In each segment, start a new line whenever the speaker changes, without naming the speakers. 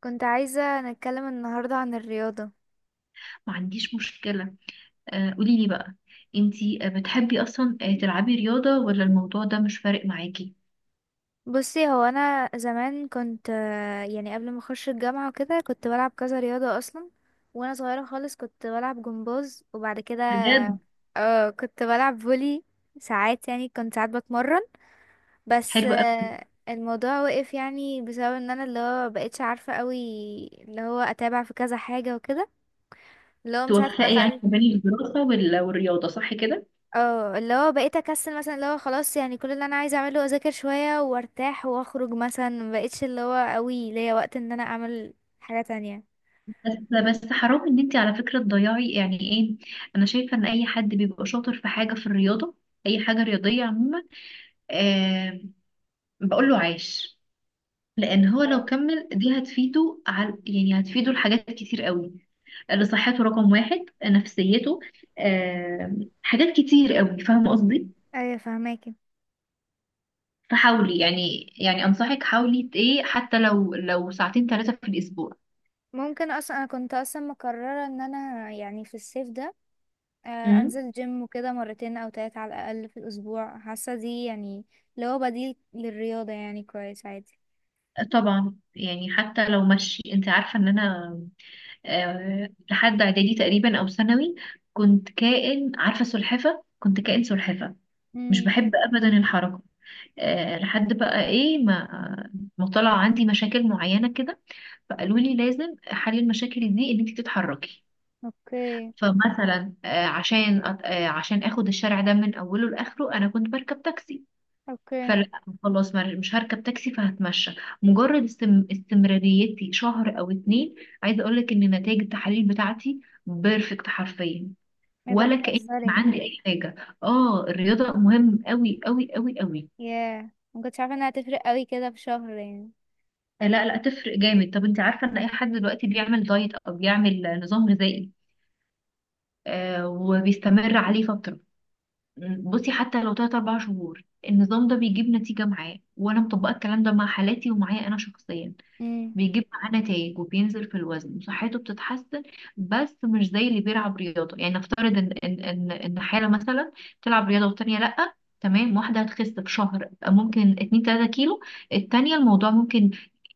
كنت عايزة نتكلم النهاردة عن الرياضة.
ما عنديش مشكلة. قوليلي بقى. انتي بتحبي اصلا تلعبي رياضة، ولا الموضوع ده مش فارق معاكي؟
بصي، هو أنا زمان كنت يعني قبل ما أخش الجامعة وكده كنت بلعب كذا رياضة أصلا. وأنا صغيرة خالص كنت بلعب جمباز، وبعد كده
بجد؟
اه كنت بلعب فولي ساعات، يعني كنت ساعات بتمرن. بس
حلو قوي.
الموضوع وقف يعني بسبب ان انا اللي هو مبقتش عارفة قوي اللي هو اتابع في كذا حاجة وكده، اللي هو من ساعة ما
توفقي يعني
دخلت
ما بين الدراسة والرياضة، صح كده؟
اه اللي هو بقيت اكسل مثلا، اللي هو خلاص يعني كل اللي انا عايزه اعمله اذاكر شويه وارتاح واخرج مثلا، ما بقتش اللي هو قوي ليا وقت ان انا اعمل حاجه تانية.
بس. بس حرام ان انتي على فكرة تضيعي، يعني ايه. انا شايفة ان اي حد بيبقى شاطر في حاجة في الرياضة، اي حاجة رياضية عموما، آه، بقول له عاش. لان هو لو كمل دي هتفيده على، يعني هتفيده لحاجات كتير قوي، لصحته رقم واحد، نفسيته، حاجات كتير قوي، فاهمة قصدي؟
ايوه فهماكي.
فحاولي، يعني أنصحك، حاولي إيه، حتى لو 2 3 ساعات في الأسبوع.
ممكن اصلا انا كنت اصلا مقرره ان انا يعني في الصيف ده، آه،
امم.
انزل جيم وكده مرتين او تلاتة على الاقل في الاسبوع. حاسه دي يعني اللي هو بديل للرياضه يعني كويس عادي.
طبعا يعني حتى لو مشي. انت عارفة ان انا لحد اعدادي تقريبا او ثانوي كنت كائن، عارفة، سلحفة. كنت كائن سلحفة، مش
امم.
بحب ابدا الحركة. لحد بقى ايه، ما طلع عندي مشاكل معينة كده، فقالوا لي لازم حل المشاكل دي ان انت تتحركي.
اوكي.
فمثلا عشان عشان اخد الشارع ده من اوله لاخره انا كنت بركب تاكسي.
اوكي.
فلا، خلاص، مش هركب تاكسي فهتمشى. مجرد استمراريتي شهر او 2، عايزه اقول لك ان نتائج التحاليل بتاعتي بيرفكت، حرفيا.
ايه ده،
ولا كأن كان
بتهزري؟
عندي اي حاجه. اه، الرياضه مهم قوي قوي قوي قوي.
ياه، ما كنتش عارفه انها هتفرق قوي كده في شهر يعني.
لا لا، تفرق جامد. طب انت عارفه ان اي حد دلوقتي بيعمل دايت او بيعمل نظام غذائي، آه، وبيستمر عليه فتره، بصي حتى لو 3 4 شهور النظام ده بيجيب نتيجة معاه. وأنا مطبقة الكلام ده مع حالاتي ومعايا أنا شخصيا،
مم.
بيجيب معاه نتائج وبينزل في الوزن وصحته بتتحسن. بس مش زي اللي بيلعب رياضة. يعني نفترض إن حالة مثلا تلعب رياضة والتانية لأ. تمام، واحدة هتخس في شهر ممكن 2 3 كيلو، التانية الموضوع ممكن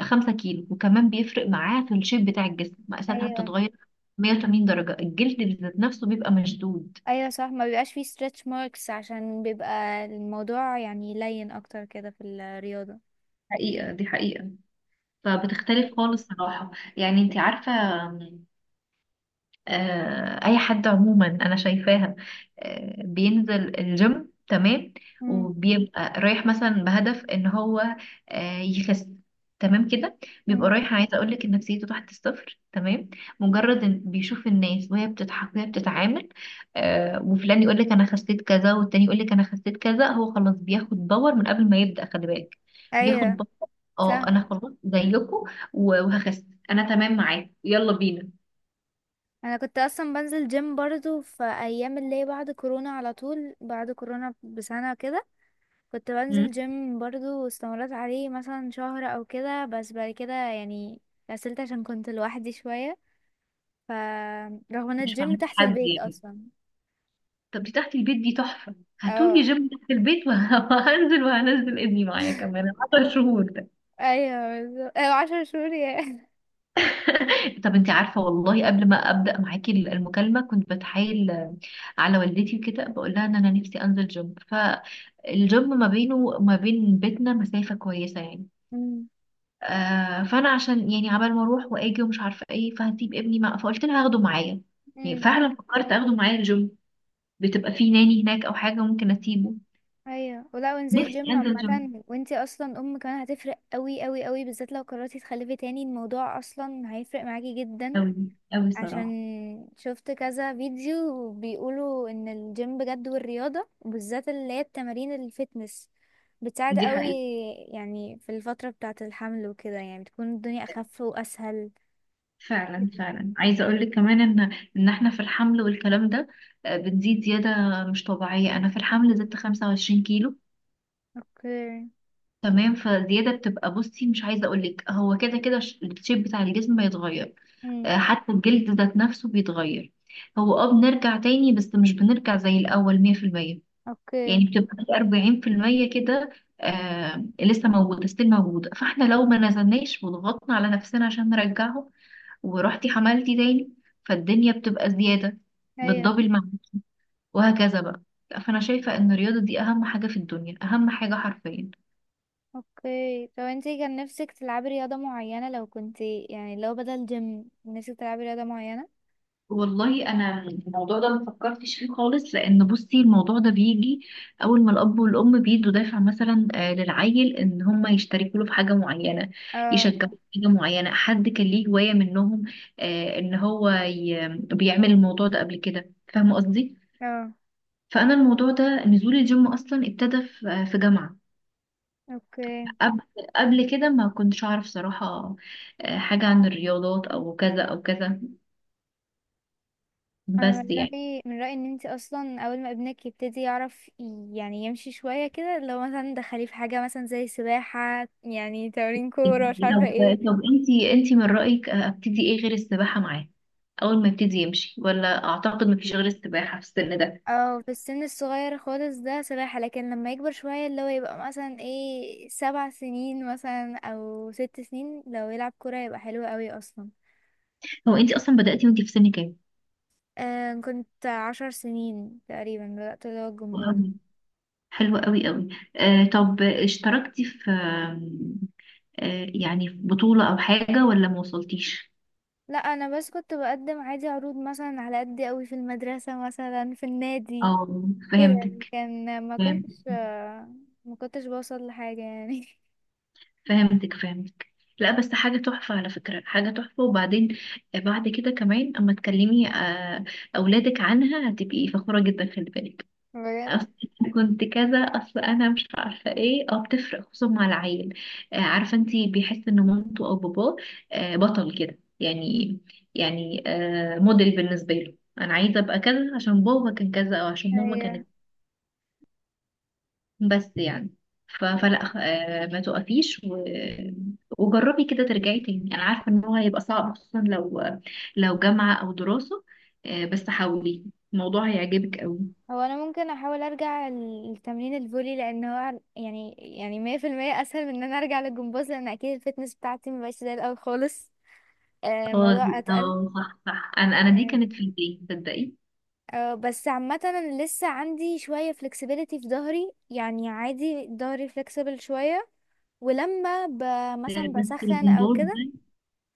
5 كيلو. وكمان بيفرق معاه في الشيب بتاع الجسم، مقاساتها
ايوه.
بتتغير 180 درجة، الجلد ذات نفسه بيبقى مشدود.
ايوه صح، ما بيبقاش فيه stretch marks عشان بيبقى الموضوع يعني لين اكتر كده في الرياضة.
حقيقة، دي حقيقة، فبتختلف خالص صراحة. يعني انت عارفة، اي حد عموما انا شايفاها، بينزل الجيم، تمام،
مم.
وبيبقى رايح مثلا بهدف ان هو يخس، تمام كده. بيبقى
مم.
رايح، عايزه اقول لك ان نفسيته تحت الصفر، تمام. مجرد ان بيشوف الناس وهي بتضحك وهي بتتعامل، وفلان يقول لك انا خسيت كذا والتاني يقول لك انا خسيت كذا، هو خلاص بياخد باور من قبل ما يبدأ، خلي بالك. بياخد
ايوه
باور. اه،
صح.
انا خلاص زيكم وهخس انا، تمام معاك، يلا بينا.
انا كنت اصلا بنزل جيم برضو في ايام اللي هي بعد كورونا، على طول بعد كورونا بسنة كده كنت بنزل جيم برضو، واستمريت عليه مثلا شهر او كده، بس بعد كده يعني كسلت عشان كنت لوحدي شوية. ف رغم ان
مش
الجيم
فاهمة
تحت
حد
البيت
يعني.
اصلا.
طب دي تحت البيت دي تحفة. هاتولي
اه.
جيم تحت البيت وهنزل ابني معايا كمان. 10 شهور ده.
ايوه بالظبط. ايوه عشر شهور يا.
طب انت عارفة والله قبل ما أبدأ معاكي المكالمة كنت بتحايل، على والدتي وكده، بقول لها ان انا نفسي انزل جيم، فالجيم ما بينه وما بين بيتنا مسافة كويسة يعني.
مم.
فانا عشان يعني عبال ما اروح واجي ومش عارفة ايه فهسيب ابني مع، فقلت لها هاخده معايا. يعني
امم.
فعلا فكرت اخده معايا الجيم، بتبقى في ناني هناك او حاجة ممكن اسيبه.
ايوه، ولا وانزلي
نفسي
جيم
انزل جيم
عامة، وانتي اصلا ام كمان هتفرق قوي قوي قوي، بالذات لو قررتي تخلفي تاني الموضوع اصلا هيفرق معاكي جدا.
قوي، قوي
عشان
صراحه.
شفت كذا فيديو بيقولوا ان الجيم بجد والرياضة، وبالذات اللي هي التمارين الفتنس بتساعد
دي
قوي
حقيقة.
يعني في الفترة بتاعة الحمل وكده، يعني بتكون الدنيا اخف واسهل.
فعلا فعلا، عايزه اقول لك كمان ان احنا في الحمل والكلام ده، بتزيد زياده مش طبيعيه. انا في الحمل زدت 25 كيلو.
اوكي.
تمام، فزياده بتبقى، بصي، مش عايزه اقول لك، هو كده كده الشيب بتاع الجسم بيتغير،
امم.
حتى الجلد ذات نفسه بيتغير. هو اه بنرجع تاني بس مش بنرجع زي الاول 100%، يعني
اوكي.
بتبقى في 40% كده، آه، لسه موجودة، ستيل موجودة. فاحنا لو ما نزلناش وضغطنا على نفسنا عشان نرجعه ورحتي حملتي تاني، فالدنيا بتبقى زيادة
ايوه.
بالدبل معاك، وهكذا بقى. فأنا شايفة إن الرياضة دي أهم حاجة في الدنيا، أهم حاجة حرفيا.
اوكي، طب انتي كان نفسك تلعبي رياضة معينة لو كنتي، يعني لو بدل جيم نفسك تلعبي رياضة معينة؟
والله انا الموضوع ده ما فكرتش فيه خالص، لان بصي الموضوع ده بيجي اول ما الاب والام بيدوا دافع مثلا، للعيل ان هم يشتركوا له في حاجه معينه،
اه.
يشجعوا في حاجه معينه، حد كان ليه هوايه منهم، ان هو بيعمل الموضوع ده قبل كده. فاهمه قصدي؟
اه.
فانا الموضوع ده نزول الجيم اصلا ابتدى في في جامعه،
اوكي.
قبل قبل كده ما كنتش اعرف صراحه، حاجه عن الرياضات او كذا او كذا،
انا
بس
من
يعني.
رأيي، من رأيي ان انتي اصلا اول ما ابنك يبتدي يعرف يعني يمشي شوية كده، لو مثلا دخليه في حاجة مثلا زي سباحة، يعني تمرين كورة مش عارفة
طب
ايه.
طب انتي من رأيك، ابتدي ايه غير السباحة معاه اول ما يبتدي يمشي؟ ولا اعتقد مفيش غير السباحة في السن ده.
اه في السن الصغير خالص ده سباحة، لكن لما يكبر شوية اللي هو يبقى مثلا ايه سبع سنين مثلا او ست سنين لو يلعب كورة يبقى حلو قوي اصلا.
هو انتي اصلا بدأتي وانتي في سن كام؟
آه كنت عشر سنين تقريبا بدأت اللي هو الجمباز.
وأوي. حلوة قوي قوي. آه، طب اشتركتي في يعني في بطولة او حاجة ولا ما وصلتيش؟
لا انا بس كنت بقدم عادي عروض مثلا على قد قوي في المدرسة، مثلا في النادي
اه،
كده يعني.
فهمتك.
كان ما
فهم-
كنتش آه ما كنتش بوصل لحاجة يعني.
فهمتك فهمتك. لا بس حاجة تحفة على فكرة، حاجة تحفة. وبعدين بعد كده كمان اما تكلمي أولادك عنها هتبقي فخورة جدا، خلي بالك.
بجد.
أصل كنت كذا. اصل انا مش عارفه ايه، اه بتفرق خصوصا مع العيل. عارفه انتي، بيحس ان مامته او باباه بطل كده يعني، يعني موديل بالنسبه له. انا عايزه ابقى كذا عشان بابا كان كذا او عشان ماما
ايوه.
كانت، بس يعني. فلا ما توقفيش وجربي كده ترجعي تاني. انا عارفه ان هو هيبقى صعب خصوصا لو جامعه او دراسه، بس حاولي الموضوع هيعجبك قوي.
هو انا ممكن احاول ارجع لتمرين الفولي لان هو يعني يعني 100% اسهل من ان انا ارجع للجمباز، لان اكيد الفتنس بتاعتي مبقاش زي الاول خالص.
اه
الموضوع اتقل
اه، صح صح. انا دي كانت
يعني.
في البيت، تصدقي.
أه، بس عامة انا لسه عندي شوية flexibility في ظهري يعني عادي، ظهري flexible شوية. ولما ب... مثلا
بس
بسخن او
الجمباز
كده.
ده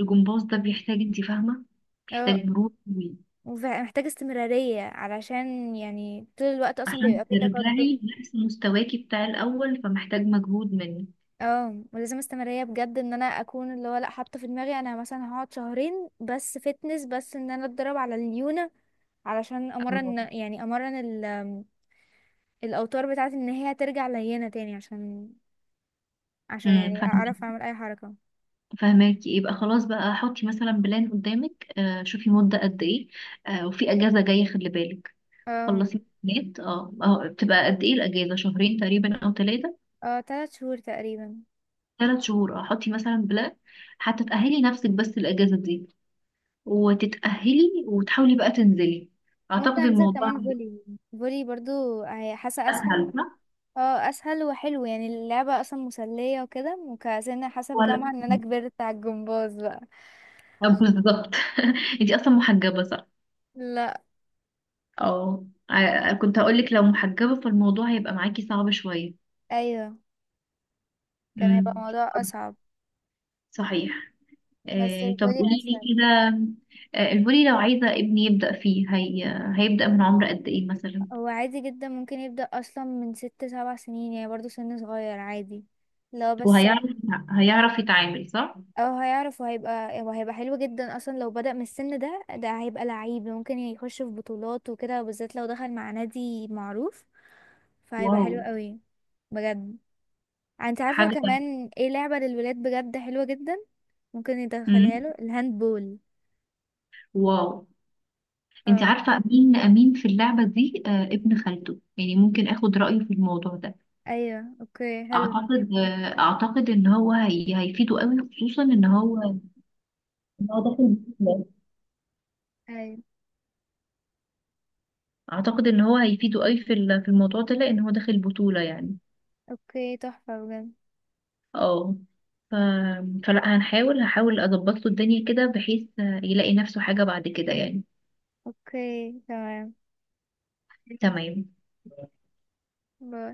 الجمباز ده بيحتاج، انت فاهمه،
أه.
بيحتاج مرونه قوي،
محتاجة استمرارية علشان يعني طول الوقت اصلا
عشان
بيبقى في
ترجعي
تقدم.
نفس مستواكي بتاع الاول فمحتاج مجهود منك.
اه ولازم استمرارية بجد، ان انا اكون اللي هو لا حاطة في دماغي انا مثلا هقعد شهرين بس فتنس، بس ان انا اتدرب على الليونة علشان
اه.
امرن، يعني الاوتار بتاعتي ان هي ترجع لينة تاني، عشان عشان
امم،
يعني
فاهمك،
اعرف اعمل اي حركة.
فاهماكي. يبقى خلاص بقى، حطي مثلا بلان قدامك، آه، شوفي مده قد ايه. آه، وفي اجازه جايه خلي بالك،
اه.
خلصي الامتحانات. اه، اه، بتبقى قد ايه الاجازه؟ 2 تقريبا او 3 شهور،
اه تلات شهور تقريبا.
3 شهور، اه. حطي مثلا بلان حتى تأهلي نفسك بس الأجازة دي، وتتأهلي وتحاولي بقى تنزلي.
ممكن
اعتقد
انزل
الموضوع
كمان فولي، فولي برضو حاسه
اسهل
اسهل.
صح.
اه اسهل وحلو يعني، اللعبه اصلا مسليه وكده، وكأن حاسه في جامعه
ولا،
ان انا كبرت على الجمباز بقى.
بالظبط. انتي اصلا محجبة صح؟
لا.
اه، كنت هقولك لو محجبة فالموضوع هيبقى معاكي صعب شوية.
ايوه، كان هيبقى
امم،
الموضوع اصعب.
صحيح.
بس
طب
الفولي
قولي لي
اسهل.
كده، الفولي لو عايزة ابني يبدأ فيه هيبدأ من عمر قد ايه مثلا؟
هو عادي جدا ممكن يبدأ اصلا من ست سبع سنين يعني، برضو سن صغير عادي لو بس.
وهيعرف هيعرف يتعامل صح.
اه هيعرف، وهيبقى حلو جدا اصلا لو بدأ من السن ده، ده هيبقى لعيب ممكن يخش في بطولات وكده، وبالذات لو دخل مع نادي معروف فهيبقى
واو،
حلو قوي. بجد، انت عارفة
حاجة.
كمان ايه لعبة للولاد بجد حلوة جدا؟ ممكن
مم.
يدخلها له الهاند بول.
واو. انت
اه.
عارفة مين في اللعبة دي؟ ابن خالته، يعني ممكن اخد رأيه في الموضوع ده.
ايوه اوكي حلو.
اعتقد، اعتقد ان هو هيفيده قوي، خصوصا ان هو إن هو داخل بطولة.
ايوه
اعتقد ان هو هيفيده قوي في في الموضوع ده لان هو داخل بطولة يعني.
اوكي تحفة بجد.
اه، ف... فلا، هحاول اظبط له الدنيا كده بحيث يلاقي نفسه حاجة بعد كده يعني.
اوكي تمام.
تمام.
باي.